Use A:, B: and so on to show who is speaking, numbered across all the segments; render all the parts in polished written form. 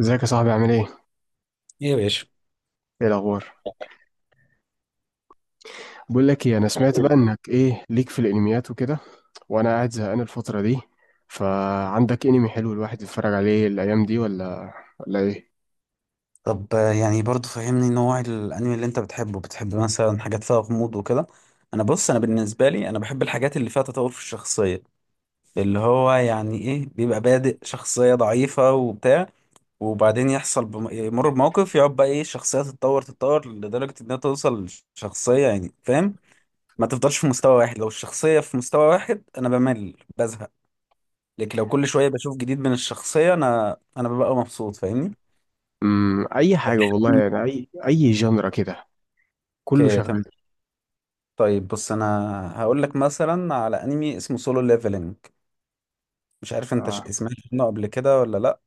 A: ازيك يا صاحبي، عامل ايه؟
B: ايه يا باشا.
A: ايه الاخبار؟ بقول لك ايه، انا سمعت بقى انك ايه ليك في الانميات وكده، وانا قاعد زهقان الفترة دي، فعندك انمي حلو الواحد يتفرج عليه الايام دي؟ ولا ايه؟
B: طب يعني برضو فهمني نوع الانمي اللي انت بتحبه، بتحب مثلا حاجات فيها غموض وكده. انا بص، بالنسبه لي بحب الحاجات اللي فيها تطور في الشخصيه، اللي هو يعني ايه، بيبقى بادئ شخصيه ضعيفه وبتاع، وبعدين يحصل يمر بموقف، يقعد بقى ايه، الشخصيه تتطور لدرجه انها توصل لشخصيه، يعني فاهم. ما تفضلش في مستوى واحد، لو الشخصيه في مستوى واحد انا بمل بزهق، لكن لو كل شويه بشوف جديد من الشخصيه انا ببقى مبسوط، فاهمني.
A: اي حاجة والله،
B: مم.
A: يعني اي جنرا كده. كله
B: اوكي،
A: شغال.
B: تمام. طيب بص، انا هقول لك مثلا على انمي اسمه سولو ليفلنج، مش عارف انت
A: اه،
B: سمعت عنه قبل كده ولا لا.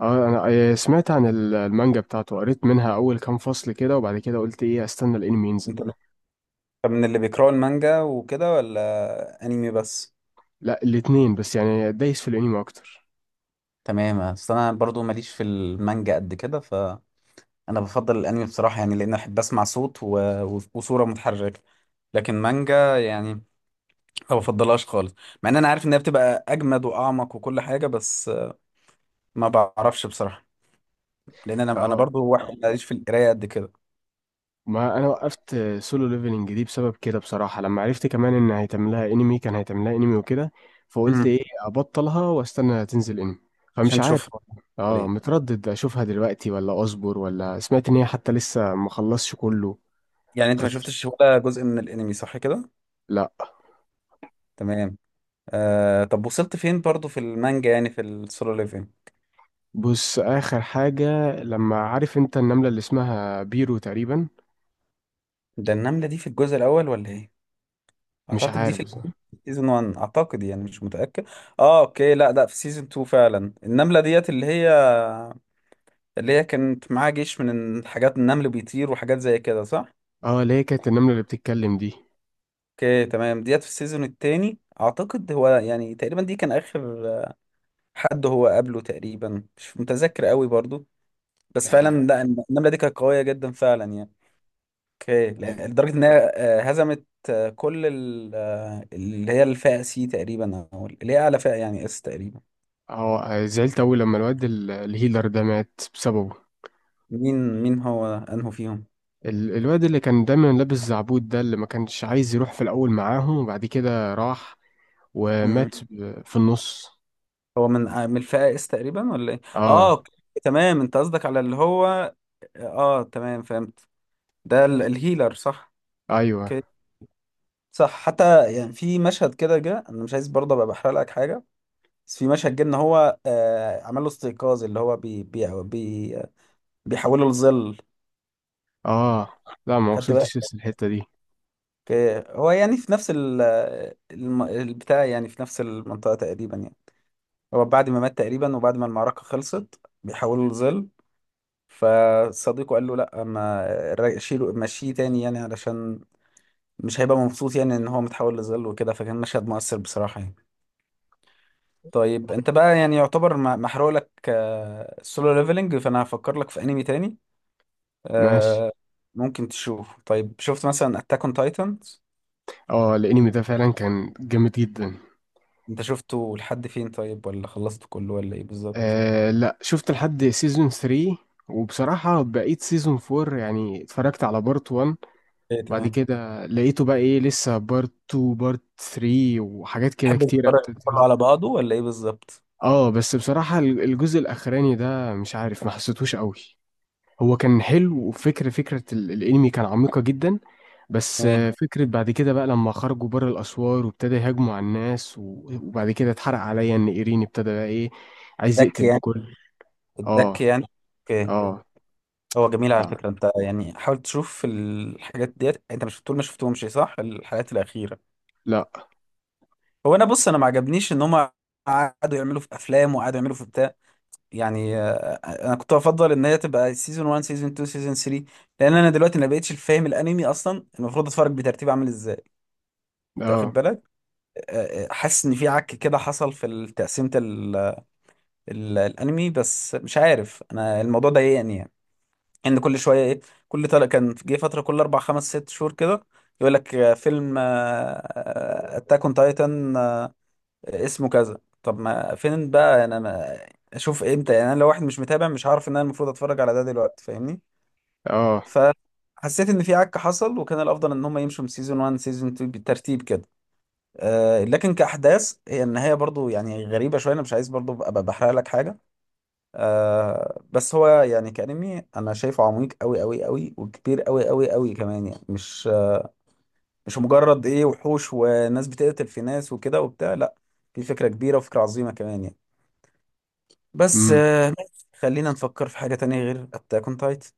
A: اه، انا سمعت عن المانجا بتاعته، قريت منها اول كام فصل كده، وبعد كده قلت ايه استنى الانمي ينزل.
B: انت طب من اللي بيقراوا المانجا وكده ولا انمي بس؟
A: لا، الاتنين، بس يعني دايس في الانمي اكتر.
B: تمام، اصل انا برضو ماليش في المانجا قد كده، فانا بفضل الانمي بصراحة، يعني لان احب اسمع صوت و وصورة متحركة، لكن مانجا يعني ما بفضلهاش خالص، مع ان انا عارف انها بتبقى اجمد واعمق وكل حاجة، بس ما بعرفش بصراحة، لان انا
A: اه،
B: برضو واحد ماليش في القراية قد كده.
A: ما انا وقفت سولو ليفلنج دي بسبب كده بصراحه، لما عرفت كمان ان هيتعمل لها انمي، كان هيتعمل لها انمي وكده. فقلت
B: امم
A: ايه ابطلها واستنى تنزل انمي. فمش
B: عشان
A: عارف
B: تشوف،
A: والله. اه، متردد اشوفها دلوقتي ولا اصبر، ولا سمعت ان هي حتى لسه ما خلصش كله.
B: يعني انت ما
A: خس...
B: شفتش ولا جزء من الانمي صح كده؟
A: لا.
B: تمام. طب وصلت فين برضو في المانجا، يعني في السولو ليفلنج؟
A: بص، اخر حاجه، لما، عارف انت النمله اللي اسمها بيرو تقريبا؟
B: ده النملة دي في الجزء الاول ولا ايه؟
A: مش
B: اعتقد دي
A: عارف
B: في
A: بصراحه.
B: سيزون 1 اعتقد، يعني مش متأكد. اه اوكي، لا لا، في سيزون 2 فعلا، النملة ديت اللي هي كانت معاها جيش من الحاجات، النمل بيطير وحاجات زي كده صح؟
A: اه، اللي هي كانت النمله اللي بتتكلم دي.
B: اوكي تمام، ديت في السيزون التاني اعتقد، هو يعني تقريبا دي كان اخر حد هو قابله تقريبا، مش متذكر قوي برضو، بس فعلا
A: يعني-
B: لا، النمله دي كانت قويه جدا فعلا يعني. اوكي، لدرجه ان هي هزمت كل اللي هي الفئه سي تقريبا، او اللي هي اعلى فئه يعني اس تقريبا.
A: اه، زعلت اوي لما الواد الهيلر ده مات بسببه.
B: مين هو انه فيهم؟
A: الواد اللي كان دايما لابس زعبود ده، اللي ما كانش عايز يروح في الأول معاهم وبعد كده راح
B: مم.
A: ومات في النص.
B: هو من من الفئه اس تقريبا ولا ايه؟ اه
A: اه.
B: أوكي. تمام، انت قصدك على اللي هو، اه تمام فهمت، ده الهيلر صح؟
A: ايوه.
B: اوكي. صح، حتى يعني في مشهد كده جه، انا مش عايز برضه ابقى بحرق لك حاجه، بس في مشهد جه ان هو آه عمل له استيقاظ، اللي هو بي بيحولوا لظل.
A: اه، لا، ما
B: خدت بالك؟
A: وصلتش لسه الحتة دي.
B: ك- هو يعني في نفس البتاع، يعني في نفس المنطقة تقريبا يعني، هو بعد ما مات تقريبا وبعد ما المعركة خلصت بيحولوا لظل، فصديقه قال له لا، ما را- شيله مشيه تاني، يعني علشان مش هيبقى مبسوط يعني ان هو متحول لظل وكده، فكان مشهد مؤثر بصراحة يعني. طيب انت بقى يعني يعتبر محروق لك السولو ليفلنج، فانا هفكر لك في انمي تاني.
A: ماشي.
B: آه، ممكن تشوف طيب، شفت مثلا اتاك اون تايتن؟
A: اه، الانمي ده فعلا كان جامد جدا.
B: انت شفته لحد فين طيب، ولا خلصته كله ولا ايه بالظبط؟
A: آه لا، شفت لحد سيزون 3، وبصراحة بقيت سيزون 4، يعني اتفرجت على بارت 1،
B: ايه
A: وبعد
B: تمام.
A: كده لقيته بقى ايه، لسه بارت 2، بارت 3 وحاجات كده
B: تحب
A: كتيرة.
B: تتفرج كله على بعضه ولا ايه بالظبط؟
A: اه، بس بصراحة الجزء الأخراني ده مش عارف، ما حسيتهوش قوي. هو كان حلو، وفكرة الأنمي كان عميقة جدا. بس
B: تمام.
A: فكرة بعد كده بقى لما خرجوا بره الأسوار، وابتدى يهاجموا على الناس، وبعد كده اتحرق عليا إن إيرين ابتدى بقى إيه، عايز
B: الدك
A: يقتل
B: يعني،
A: الكل.
B: الدك
A: اه.
B: يعني. اوكي.
A: اه.
B: هو جميل على
A: اه،
B: فكرة، انت يعني حاول تشوف الحاجات ديت، انت مش بتقول ما شفتهمش صح الحلقات الأخيرة؟
A: لا.
B: هو انا بص، انا ما عجبنيش ان هم قعدوا يعملوا في افلام وقعدوا يعملوا في بتاع، يعني انا كنت افضل ان هي تبقى سيزون 1 سيزون 2 سيزون 3، لان انا دلوقتي ما بقتش فاهم الانمي اصلا المفروض اتفرج بترتيب عامل ازاي، انت واخد
A: اه،
B: بالك؟ حاسس ان في عك كده حصل في تقسيمه الانمي، بس مش عارف، انا الموضوع ضايقني يعني، يعني ان كل شويه ايه، كل طلع كان جه فتره كل اربع خمس ست شهور كده يقول لك فيلم اتاك اون تايتن اسمه كذا، طب ما فين بقى انا ما اشوف امتى؟ يعني انا لو واحد مش متابع مش هعرف ان انا المفروض اتفرج على ده دلوقتي، فاهمني؟
A: اه.
B: فحسيت ان في عك حصل، وكان الافضل ان هم يمشوا من سيزون 1 سيزون 2 بالترتيب كده. لكن كأحداث هي النهاية برضو يعني غريبة شوية، أنا مش عايز برضو أبقى بحرق لك حاجة. بس هو يعني كأنمي أنا شايفه عميق أوي أوي أوي، وكبير أوي أوي أوي كمان يعني، مش مش مجرد إيه، وحوش وناس بتقتل في ناس وكده وبتاع، لأ في فكرة كبيرة وفكرة عظيمة كمان يعني. بس
A: امم
B: آه، خلينا نفكر في حاجة تانية غير أتاك أون تايتن.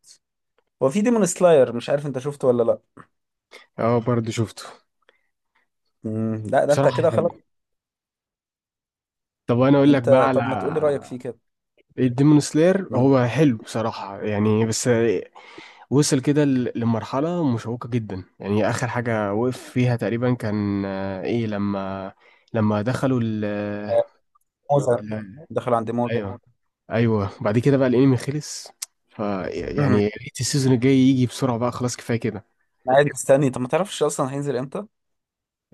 B: وفي ديمون سلاير، مش عارف أنت شفته ولا لأ؟
A: اه، برضه شفته،
B: مم، لأ ده أنت
A: بصراحة
B: كده خلاص.
A: حلو. طب أنا أقول لك بقى
B: أنت
A: على
B: طب ما تقولي رأيك فيه كده.
A: الديمون سلاير.
B: مم.
A: هو حلو بصراحة يعني، بس وصل كده لمرحلة مشوقة جدا، يعني آخر حاجة وقف فيها تقريبا كان إيه، لما، لما دخلوا
B: آه، موزة،
A: ال-
B: دخل عند موزة.
A: أيوه. أيوه، بعد كده بقى الأنمي خلص. ف يعني يا ريت السيزون الجاي يجي بسرعة بقى، خلاص كفاية كده.
B: قاعد مستني، طب ما تعرفش اصلا هينزل امتى؟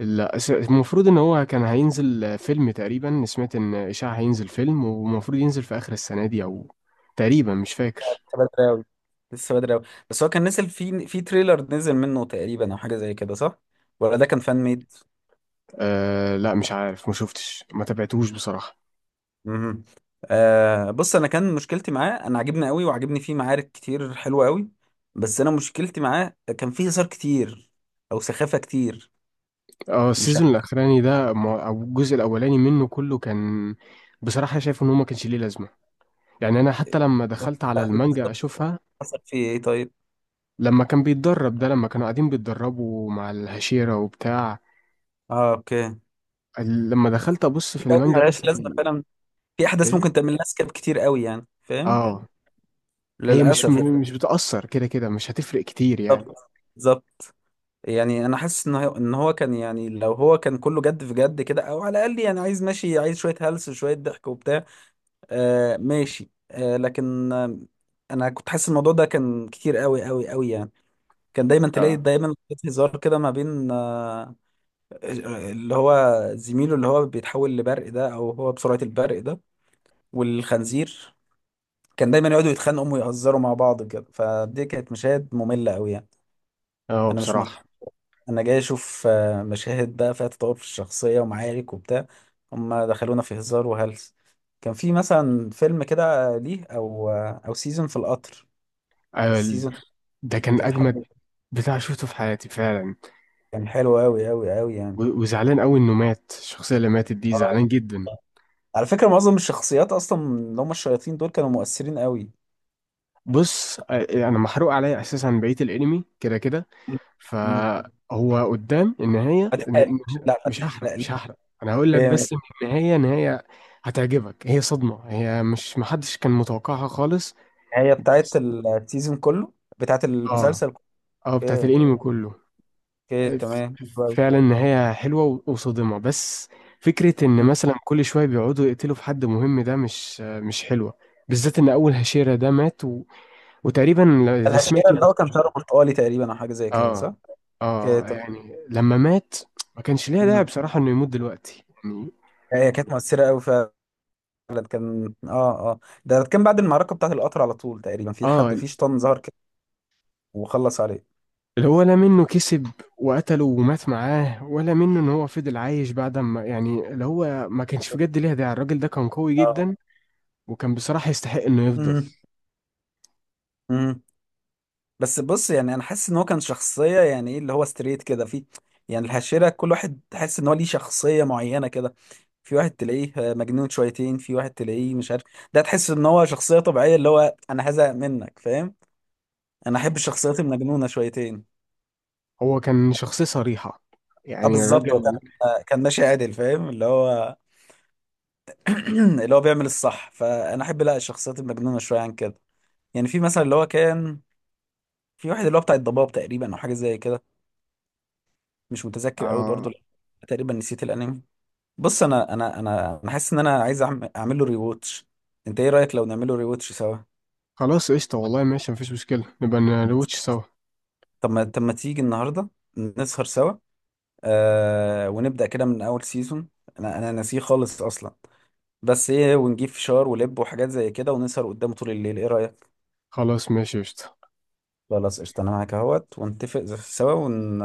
A: المفروض إن هو كان هينزل فيلم تقريبا، سمعت إن إشاعة هينزل فيلم، ومفروض ينزل في آخر السنة دي، أو تقريبا، مش فاكر.
B: لسه بدري قوي، لسه بدري قوي، بس هو كان نزل في تريلر نزل منه تقريبا او حاجه زي كده صح؟ ولا ده كان فان ميد؟
A: أه لا، مش عارف، ما شفتش، ما تابعتهوش بصراحة.
B: امم آه بص، انا كان مشكلتي معاه، انا عجبني قوي وعجبني فيه معارك كتير حلوه قوي، بس انا مشكلتي معاه كان فيه هزار كتير، او سخافه كتير.
A: اه،
B: مش
A: السيزون
B: عارف
A: الاخراني ده او الجزء الاولاني منه كله كان، بصراحه شايف ان هو ما كانش ليه لازمه. يعني انا حتى لما دخلت على
B: إيه
A: المانجا
B: بالظبط،
A: اشوفها،
B: حصل فيه ايه طيب؟
A: لما كان بيتدرب ده، لما كانوا قاعدين بيتدربوا مع الهشيرة وبتاع،
B: اه اوكي.
A: لما دخلت ابص
B: في
A: في
B: قوي
A: المانجا
B: ملهاش لازمه
A: مثلا.
B: فعلا، في احداث
A: ايه.
B: ممكن تعمل لها سكيب كتير قوي، يعني فاهم،
A: اه، هي مش
B: للاسف يعني.
A: بتأثر، كده كده مش هتفرق كتير يعني.
B: بالظبط، بالظبط. يعني انا حاسس ان هو كان، يعني لو هو كان كله جد في جد كده، او على الاقل يعني عايز ماشي، عايز شويه هلس وشويه ضحك وبتاع، آه ماشي آه، لكن آه، انا كنت حاسس الموضوع ده كان كتير قوي قوي قوي يعني، كان دايما تلاقي
A: اه.
B: دايما في هزار كده ما بين اللي هو زميله اللي هو بيتحول لبرق ده، او هو بسرعه البرق ده، والخنزير، كان دايما يقعدوا يتخانقوا ويهزروا مع بعض كده، فدي كانت مشاهد ممله قوي يعني.
A: اه،
B: انا مش،
A: بصراحه،
B: انا جاي اشوف مشاهد بقى فيها تطور في الشخصيه ومعارك وبتاع، هم دخلونا في هزار وهلس. كان في مثلا فيلم كده ليه، او او سيزون في القطر،
A: آه، ال-
B: السيزون
A: ده كان
B: كان
A: اجمد
B: حلو،
A: بتاع شفته في حياتي فعلا.
B: كان حلو قوي قوي قوي يعني.
A: وزعلان قوي انه مات، الشخصيه اللي ماتت دي
B: آه.
A: زعلان جدا.
B: على فكره معظم الشخصيات اصلا اللي هم الشياطين دول كانوا مؤثرين قوي.
A: بص، انا محروق عليا اساسا بقيه الانمي كده كده.
B: مم.
A: فهو قدام النهايه،
B: ما تحرقش، لا ما
A: مش هحرق،
B: تحرقليش.
A: مش هحرق. انا هقول لك
B: جامد.
A: بس إن النهايه، نهايه هتعجبك. هي صدمه، هي مش، محدش كان متوقعها خالص.
B: هي بتاعت
A: بس.
B: السيزون كله؟ بتاعت
A: اه.
B: المسلسل كله.
A: اه، بتاعت
B: اوكي،
A: الانمي كله.
B: اوكي
A: آه،
B: تمام، حلو أوي.
A: فعلا نهايه حلوه وصادمه. بس فكره ان مثلا كل شويه بيقعدوا يقتلوا في حد مهم ده مش حلوه. بالذات ان اول هشيرة ده مات وتقريبا اللي
B: العشيرة
A: سمعته
B: اللي هو كان شعره برتقالي تقريبا او حاجه زي كده
A: اه.
B: صح؟
A: اه
B: كانت،
A: يعني لما مات، ما كانش ليها داعي
B: مم.
A: بصراحة انه يموت دلوقتي يعني.
B: هي كانت مؤثره قوي فعلا. كان اه، اه ده كان بعد المعركه بتاعت القطر على طول تقريبا، في
A: اه،
B: حد في شيطان ظهر كده وخلص عليه.
A: اللي هو لا منه كسب وقتله ومات معاه، ولا منه ان هو فضل عايش بعد ما، يعني اللي هو، ما كانش بجد ليها داعي. الراجل ده كان قوي
B: اه.
A: جدا، وكان بصراحة يستحق انه يفضل.
B: مم. مم. بس بص، يعني انا حاسس ان هو كان شخصيه، يعني ايه اللي هو ستريت كده في، يعني الحشره كل واحد تحس ان هو ليه شخصيه معينه كده، في واحد تلاقيه مجنون شويتين، في واحد تلاقيه مش عارف، ده تحس ان هو شخصيه طبيعيه، اللي هو انا هزهق منك، فاهم؟ انا احب الشخصيات المجنونه شويتين.
A: هو كان شخصية صريحة
B: اه
A: يعني،
B: بالظبط، هو كان
A: الراجل.
B: كان ماشي عادل، فاهم اللي هو اللي هو بيعمل الصح، فانا احب لا الشخصيات المجنونه شويه عن كده، يعني في مثلا اللي هو كان، في واحد اللي هو بتاع الضباب تقريبا او حاجه زي كده، مش متذكر قوي برضو
A: آه
B: لأن تقريبا نسيت الانمي. بص انا حاسس ان انا عايز اعمل له ريواتش، انت ايه رايك لو نعمله ريواتش سوا؟
A: خلاص قشطة والله، ماشي، مفيش مشكلة، نبقى نلوتش سوا.
B: طب ما تيجي النهارده نسهر سوا، آه ونبدا كده من اول سيزون، انا ناسيه خالص اصلا، بس ايه ونجيب فشار ولب وحاجات زي كده ونسهر قدامه طول الليل، ايه رأيك؟
A: خلاص ماشي قشطة.
B: خلاص قشطة، انا معاك اهوت، ونتفق سوا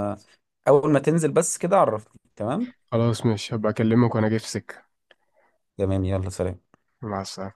B: اول ما تنزل بس كده عرفني، تمام.
A: خلاص ماشي، هبقى اكلمك وانا جاي في سكة.
B: تمام، يلا سلام.
A: مع السلامة.